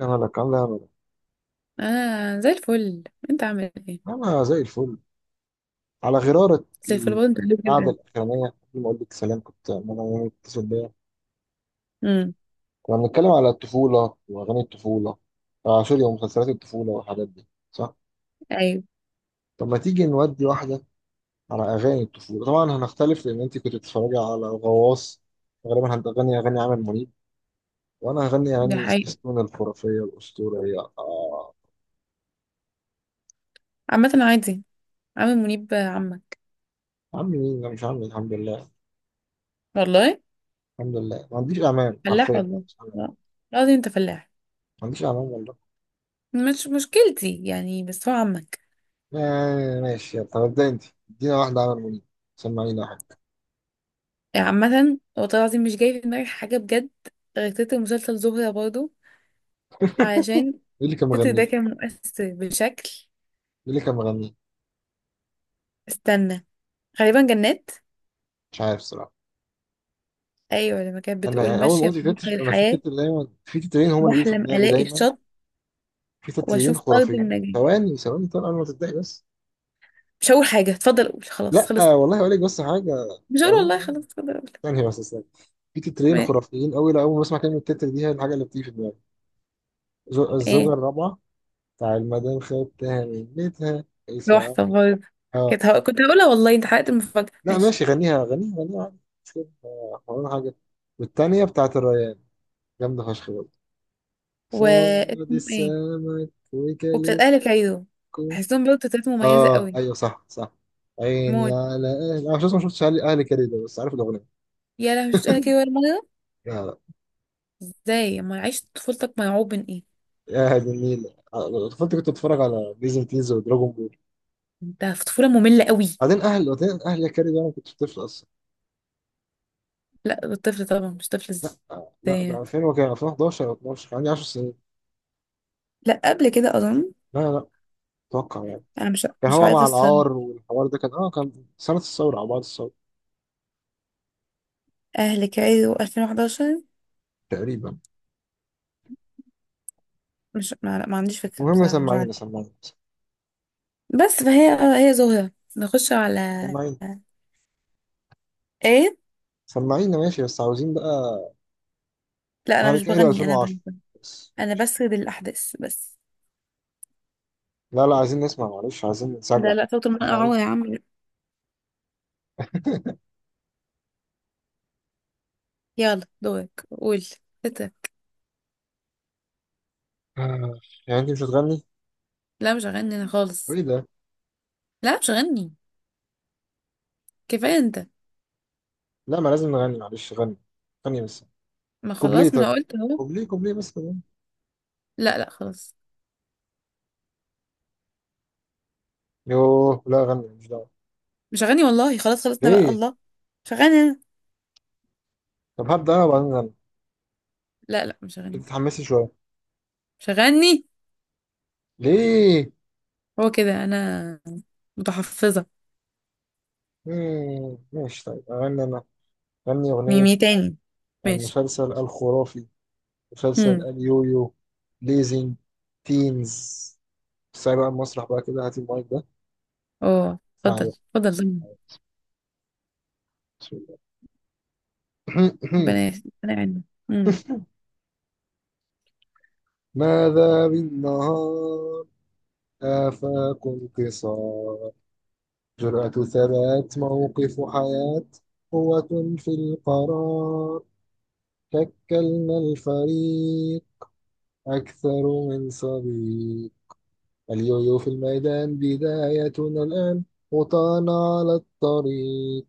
أنا لك على الأمل. انا زي الفل. انت عامل ايه؟ أنا زي الفل. على غرارة زي الفل برضه، انت حلو القعدة جدا. الأخرانية، قبل ما أقول لك سلام كنت أنا متصل بيا. امم، كنا بنتكلم على الطفولة وأغاني الطفولة. آه سوري، ومسلسلات الطفولة والحاجات دي، صح؟ ايوه. طب ما تيجي نودي واحدة على أغاني الطفولة. طبعا هنختلف لأن أنت كنت بتتفرجي على غواص، غالبا هتغني أغاني عامر منيب، وأنا هغني دي أغاني حقيقة. سبيستون الخرافية الأسطورية. آه، عامة عادي. عامل منيب عمك. عمي مين؟ أنا مش عمي الحمد لله. والله. الحمد لله ما عنديش أمان، حرفيا فلاح ما والله. عنديش أمان، لا، لازم انت فلاح. ما عنديش أمان. مش مشكلتي يعني، بس هو عمك. آه ماشي يلا، طب ابدأ انت، ادينا واحدة عمل منيب. سمعينا واحد. يعني عامة والله العظيم مش جاي في دماغي حاجة بجد، غير تتر مسلسل زهرة برضه، علشان مين اللي كان التتر مغنيه؟ ده مين كان مؤثر بشكل. اللي كان مغنيه؟ استنى، غالبا جنات. مش عارف الصراحة. ايوه، لما كانت أنا بتقول يعني أول ما ماشية في قلت بحر تتر، أنا في الحياة، تتر دايما، في تترين هما اللي بيجوا في بحلم دماغي الاقي دايما. الشط في تترين واشوف ارض خرافيين، النجاة. ثواني ثواني طبعا، أنا ما تتضايق بس. مش هقول حاجة، اتفضل قول، خلاص لا خلصت. آه والله أقول لك بس حاجة. مش هقول والله والله، حاجة. خلاص اتفضل قول. ثانية بس، ثانية. في تترين ما- خرافيين أوي، لا أول ما بسمع كلمة تتر دي هي الحاجة اللي بتيجي في دماغي. الزوجة ايه. الرابعة، بتاع المدام خدتها من بيتها اسمها. تحفة برضه. كنت هقولها والله، انت حرقت المفاجأة. لا ماشي. ماشي، غنيها غنيها غنيها عادي. مش كده آه، ولا حاجة. والتانية بتاعت الريان، جامدة فشخ برضه. و صاد اسمه ايه. السمك وبتاعت وكلوشكو. أهل كايرو، بحسهم برضه تلاتة مميزة اه قوي. ايوه، صح صح. عيني موت. على اهلي، انا مش ما شفتش اهلي، اهلي كريدة، بس عارف الاغنية. يا لهوي، مش أهل كايرو ولا مرة. يا، ازاي اما عشت طفولتك مرعوب من ايه. يا هادي النيل. آه، طفلتي كنت بتفرج على ديزني تيز ودراجون بول. انت في طفولة مملة قوي. بعدين اهل، بعدين اهل يا كريدة، انا ما كنتش طفل اصلا. لا الطفل طبعا مش طفل، لا آه، لا ده ازاي. 2000، وكان 2011 او 12، كان عندي 10 سنين. لا قبل كده اظن. لا لا، اتوقع يعني. انا مش كان مش هو عارفه مع الصراحه. العار والحوار ده، كان اه كان سنة الثورة أو بعد الثورة اهل كايرو 2011. تقريبا. مش ما, لا، ما عنديش فكره المهم، بصراحه، مش سمعينا عارفه. سمعينا. بس فهي، هي زهرة. نخش على، سمعينا. ايه. سمعينا ماشي، بس عاوزين بقى. لا انا هاري مش كايرو بغني، انا 2010 بس. انا بسرد الاحداث بس. لا لا، عايزين نسمع، معلش عايزين نسجع. لا، لا صوت المرأة سمعينا. عورة يا عم. يلا دورك قول. ستة. آه، يعني انت مش هتغني؟ لا مش هغني انا خالص. وايه ده؟ لا مش هغني، كفاية انت. لا ما لازم نغني، معلش غني. غني بس ما كوبليه، خلاص، ما طيب انا قلت اهو. كوبليه، كوبليه بس كمان. لا لا خلاص. يوه لا غني، مش دعوة. مش هغني والله، خلاص خلصنا بقى ليه؟ الله. مش هغني انا. طب هبدأ انا وبعدين غني. لا لا مش كنت هغني. تتحمسي شوية. مش هغني. ليه؟ هو كده انا، متحفظة. ماشي، طيب اغني انا. غني اغنية ميمي تاني. ماشي. المسلسل الخرافي، مسلسل امم. اليويو ليزنج تينز. بس بقى المسرح بقى كده، هاتي المايك ده اه معايا. اتفضل اتفضل. بسم الله. ربنا يعيننا. امم ماذا بالنهار، آفاق انتصار، جرأة ثبات موقف حياة، قوة في القرار. شكلنا الفريق أكثر من صديق. اليويو في الميدان، بدايتنا الآن، خطانا على الطريق.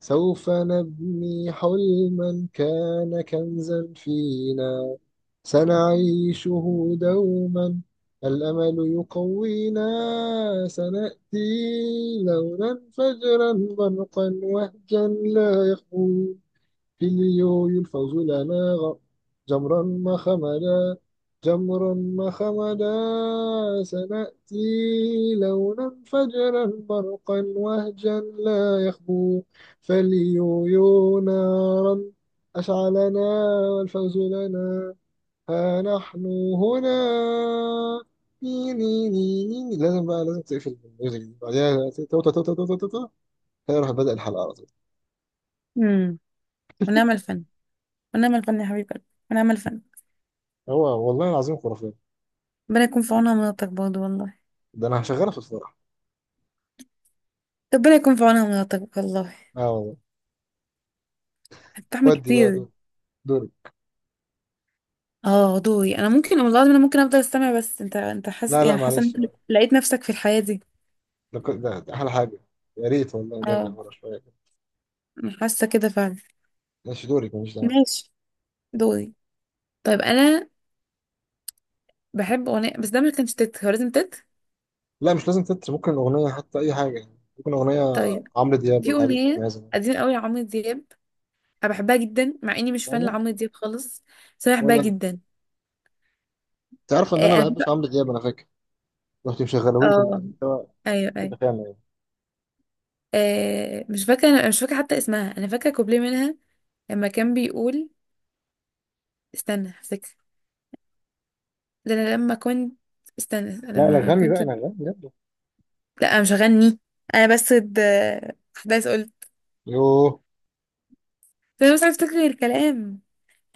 سوف نبني حلما كان كنزا فينا، سنعيشه دوما، الأمل يقوينا. سنأتي لونا فجرا، برقا وهجا لا يخفو، بليو يلفظ لنا جمرا ما خمدا. جمرا ما خمدا. سنأتي لونا فجرا، برقا وهجا لا يخبو، فليو نارا أشعلنا، والفوز لنا. ها نحن هنا. ني ني ني ني ني. لازم بقى، لازم تقفل الميوزك دي، بعدها توتا توتا توتا توتا. هي راح بدأ الحلقة على طول. امم ونعم الفن. ونعم الفن يا حبيب قلبي. ونعم الفن. هو والله العظيم خرافي. ربنا يكون في عونها مناطق برضه والله. ده انا هشغلها في الفرح. ربنا يكون في عونها مناطق والله. اه. هتتحمل ودي بقى كتير. دور، دوري. اه دوري، انا ممكن، والله العظيم انا ممكن افضل استمع، بس انت حاسس، لا لا يعني حاسه إن معلش، أنت لقيت نفسك في الحياه دي. ده احلى حاجه. يا ريت والله نرجع اه، ورا شويه كده. أنا حاسه كده فعلا. ماشي دوري، ماليش دعوه. ماشي دوري. طيب انا بحب اغنيه، بس ده ما كانش تت، هو لازم تت. لا مش لازم تتر، ممكن اغنيه حتى، اي حاجه يعني، ممكن اغنيه طيب عمرو دياب في ولا حاجه اغنيه تتميز بيها. قديمه قوي لعمرو دياب، انا بحبها جدا مع اني مش فان أيوة. لعمرو دياب خالص، بس انا بحبها ولا جدا. تعرف ان انا ما آه، بحبش عمرو دياب؟ انا فاكر رحت مشغله لي، كنا اه قاعدين سوا، ايوه كنت ايوه. بخيال يعني. آه، مش فاكره، انا مش فاكره حتى اسمها، انا فاكره كوبليه منها. لما كان بيقول، استنى هفتكر. ده انا لما كنت، استنى لا لا لما غني بقى، كنت. انا غني يلا. لا انا مش هغني. انا بس حدث قلت. يوه، ده انا مش عارفه افتكر الكلام.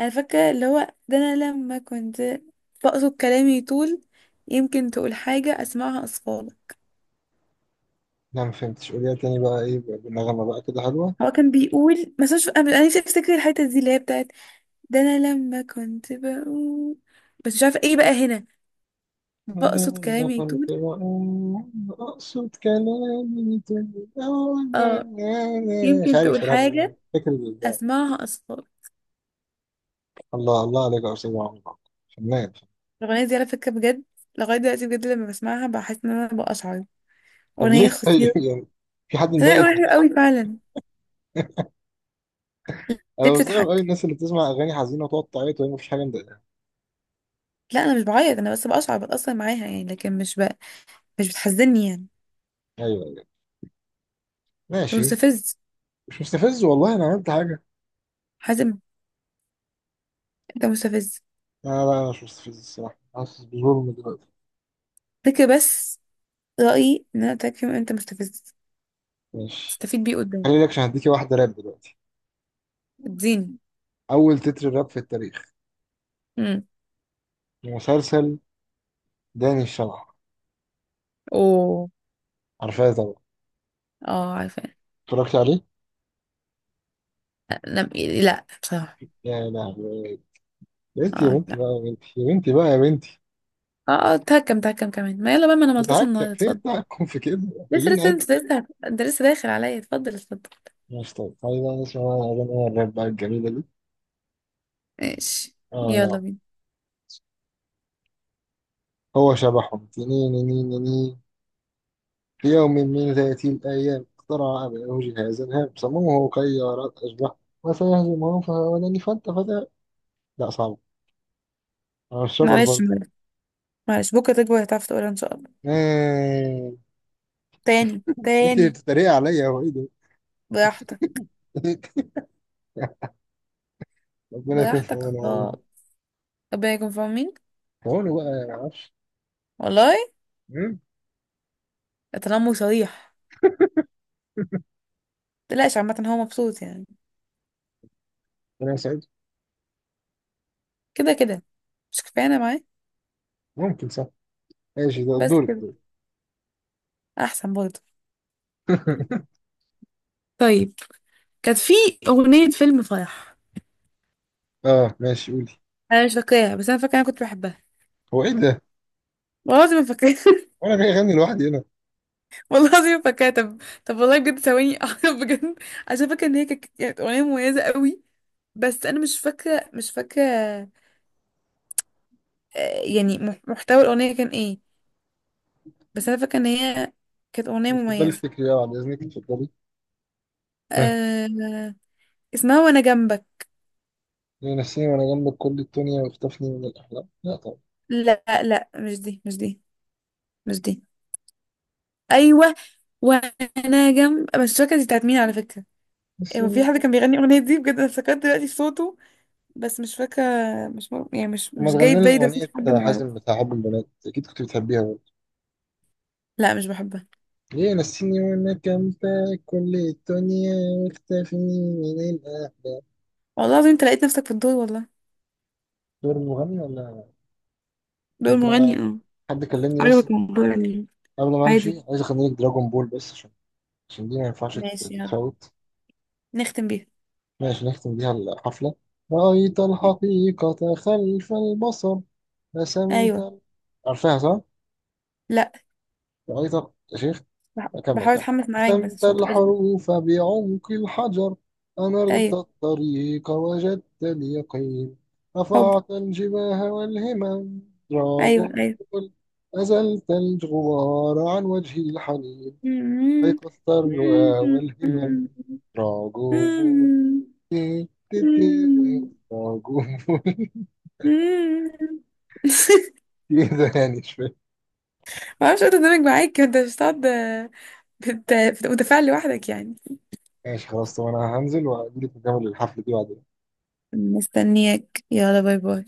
انا فاكره اللي هو ده انا لما كنت. بقصد كلامي طول. يمكن تقول حاجه اسمعها اصفالك. لا ما فهمتش، قول لي تاني بقى، ايه بقى؟ بالنغمه بقى كده حلوه. هو كان بيقول، بس مش انا، أنا نفسي افتكر الحته دي اللي هي بتاعت. ده انا لما كنت بقول، بس مش عارفه ايه بقى هنا. بقصد أنا كلامي يطول. كنت وأنا أقصد كلامي تاني اه أولاً. مش يمكن عارف تقول صراحة الأغنية، حاجة، فاكر أسمعها أصفار. الله الله عليك يا أستاذ عمرو عبد. فنان. الأغنية دي على فكرة بجد، لغاية دلوقتي بجد لما بسمعها بحس إن أنا بقشعر. طب ليه أغنية خطيرة. طيب يعني؟ في حد لا، أغنية مضايقك؟ حلوة أوي فعلا. ليه أنا مستغرب أوي بتضحك؟ الناس اللي بتسمع أغاني حزينة وتقعد تعيط وهي مفيش حاجة مضايقها. لا أنا مش بعيط، أنا بس بقشعر بتأثر معاها يعني، لكن مش بقى مش بتحزني يعني. أيوه أيوه، أنت ماشي. مستفز، مش مستفز والله، أنا عملت حاجة؟ حازم، أنت مستفز. لا لا أنا مش مستفز الصراحة، حاسس بظلم دلوقتي. فكر بس، رأيي إن أنا أتاك فيهم، أنت مستفز، ماشي، تستفيد بيه قدام. خلي لك، عشان هديكي واحدة راب دلوقتي. اديني. أول تتر راب في التاريخ، امم. مسلسل داني الشمعة. اوه. عارفاه طبعا. اه عارفة. اتفرجت عليه؟ لا، لا بصراحة. يا لهوي، يا بنتي يا اه بنتي بقى، يا بنتي يا بنتي بقى يا بنتي. اه اه، اتهكم اتهكم كمان. ما يلا بقى، ما انا ملطش بتهكر النهارده في اتفضل. تهكم في كده، لسه محتاجين لسه نعدل. انت لسه، انت لسه داخل عليا اتفضل اتفضل. مش طيب تعالي بقى نسمع بقى أغاني الراب بقى الجميلة دي. ماشي يلا آه، بينا. هو شبحهم، تنين نين نين. في يوم من ذات الأيام، اخترع أبنه جهازا هام، سموه كيارات أشبح، وسيهزمهم فهاولني فأنت فتى. لا صعب، على الشجر معلش برضه. معلش، معلش بكره تكبر هتعرف تقولها ان شاء الله. آه. تاني أنت اللي تاني. بتتريق عليا، هو إيه ده؟ براحتك. ربنا يكون في براحتك عونه والله. خالص. ربنا يكون في عونك في عونه بقى، أنا معرفش. والله. تنمر صريح. متقلقش عامة هو مبسوط يعني، ربنا يسعدك. كده كده. مش كفاية انا معاه. ممكن صح. ماشي، ده بس دورك، كده. دورك. احسن برضه. طيب كانت في اغنية فيلم فرح. اه ماشي قولي. انا مش فاكراها، بس انا فاكره انا كنت بحبها. هو ايه ده؟ والله العظيم ما فاكراها. وانا جاي اغني لوحدي هنا. والله العظيم فاكراها، طب طب والله بجد ثواني، أعرف بجد. عشان فاكره ان هي كانت اغنيه مميزه قوي. بس انا مش فاكره مش فاكره. آه، يعني محتوى الاغنيه كان ايه. بس انا فاكره ان هي كانت اغنيه اتفضلي مميزه. افتكري، اه بعد اذنك اتفضلي. ها؟ أه... اسمها وانا جنبك. ليه نسيني وانا جنبك كل الدنيا، واختفني من الاحلام؟ لا طبعا. لا لا، مش دي مش دي مش دي. ايوه. وانا جنب، مش فاكره دي بتاعت مين على فكره. بس هو في حد كان بيغني الاغنيه دي بجد، انا افتكرت دلوقتي في صوته، بس مش فاكره. مش يعني مش لما مش جاي تغني في لنا بالي، ده صوت اغنيه حد حازم معروف. بتاع حب البنات اكيد كنت بتحبيها برضه. لا مش بحبها. ليه نسيني وانا جنبك كل الدنيا، واختفني من الاحلام. والله العظيم انت لقيت نفسك في الدور والله. دور المغني ولا؟ دور طب مغني آه، اه. حد كلمني بس، عجبك الموضوع يعني. قبل ما عادي. امشي عايز اغني لك دراجون بول، بس عشان، عشان دي ما ينفعش ماشي يلا تتفوت. نختم بيها. ماشي نختم بيها الحفلة. رأيت الحقيقة خلف البصر، رسمت ايوه. عارفاها صح؟ لا رأيت، يا شيخ. أكمل، بحاول كمل. اتحمس معاك، بس رسمت عشان متبقاش ب- الحروف بعمق الحجر، أنرت ايوه الطريق وجدت اليقين، حب رفعت الجباه والهمم. دراج. ايوه ايوه. أزلت الغبار عن وجه الحنين، أيقظت الرؤى والهمم. دراج. موجود. كده يعني مش فاهم. ما اعرفش اقدر معاك، انت مش هتقعد، متفاعل لوحدك يعني. ماشي خلاص، طب انا هنزل واجيلك نكمل الحفلة دي بعدين. مستنياك يلا باي باي.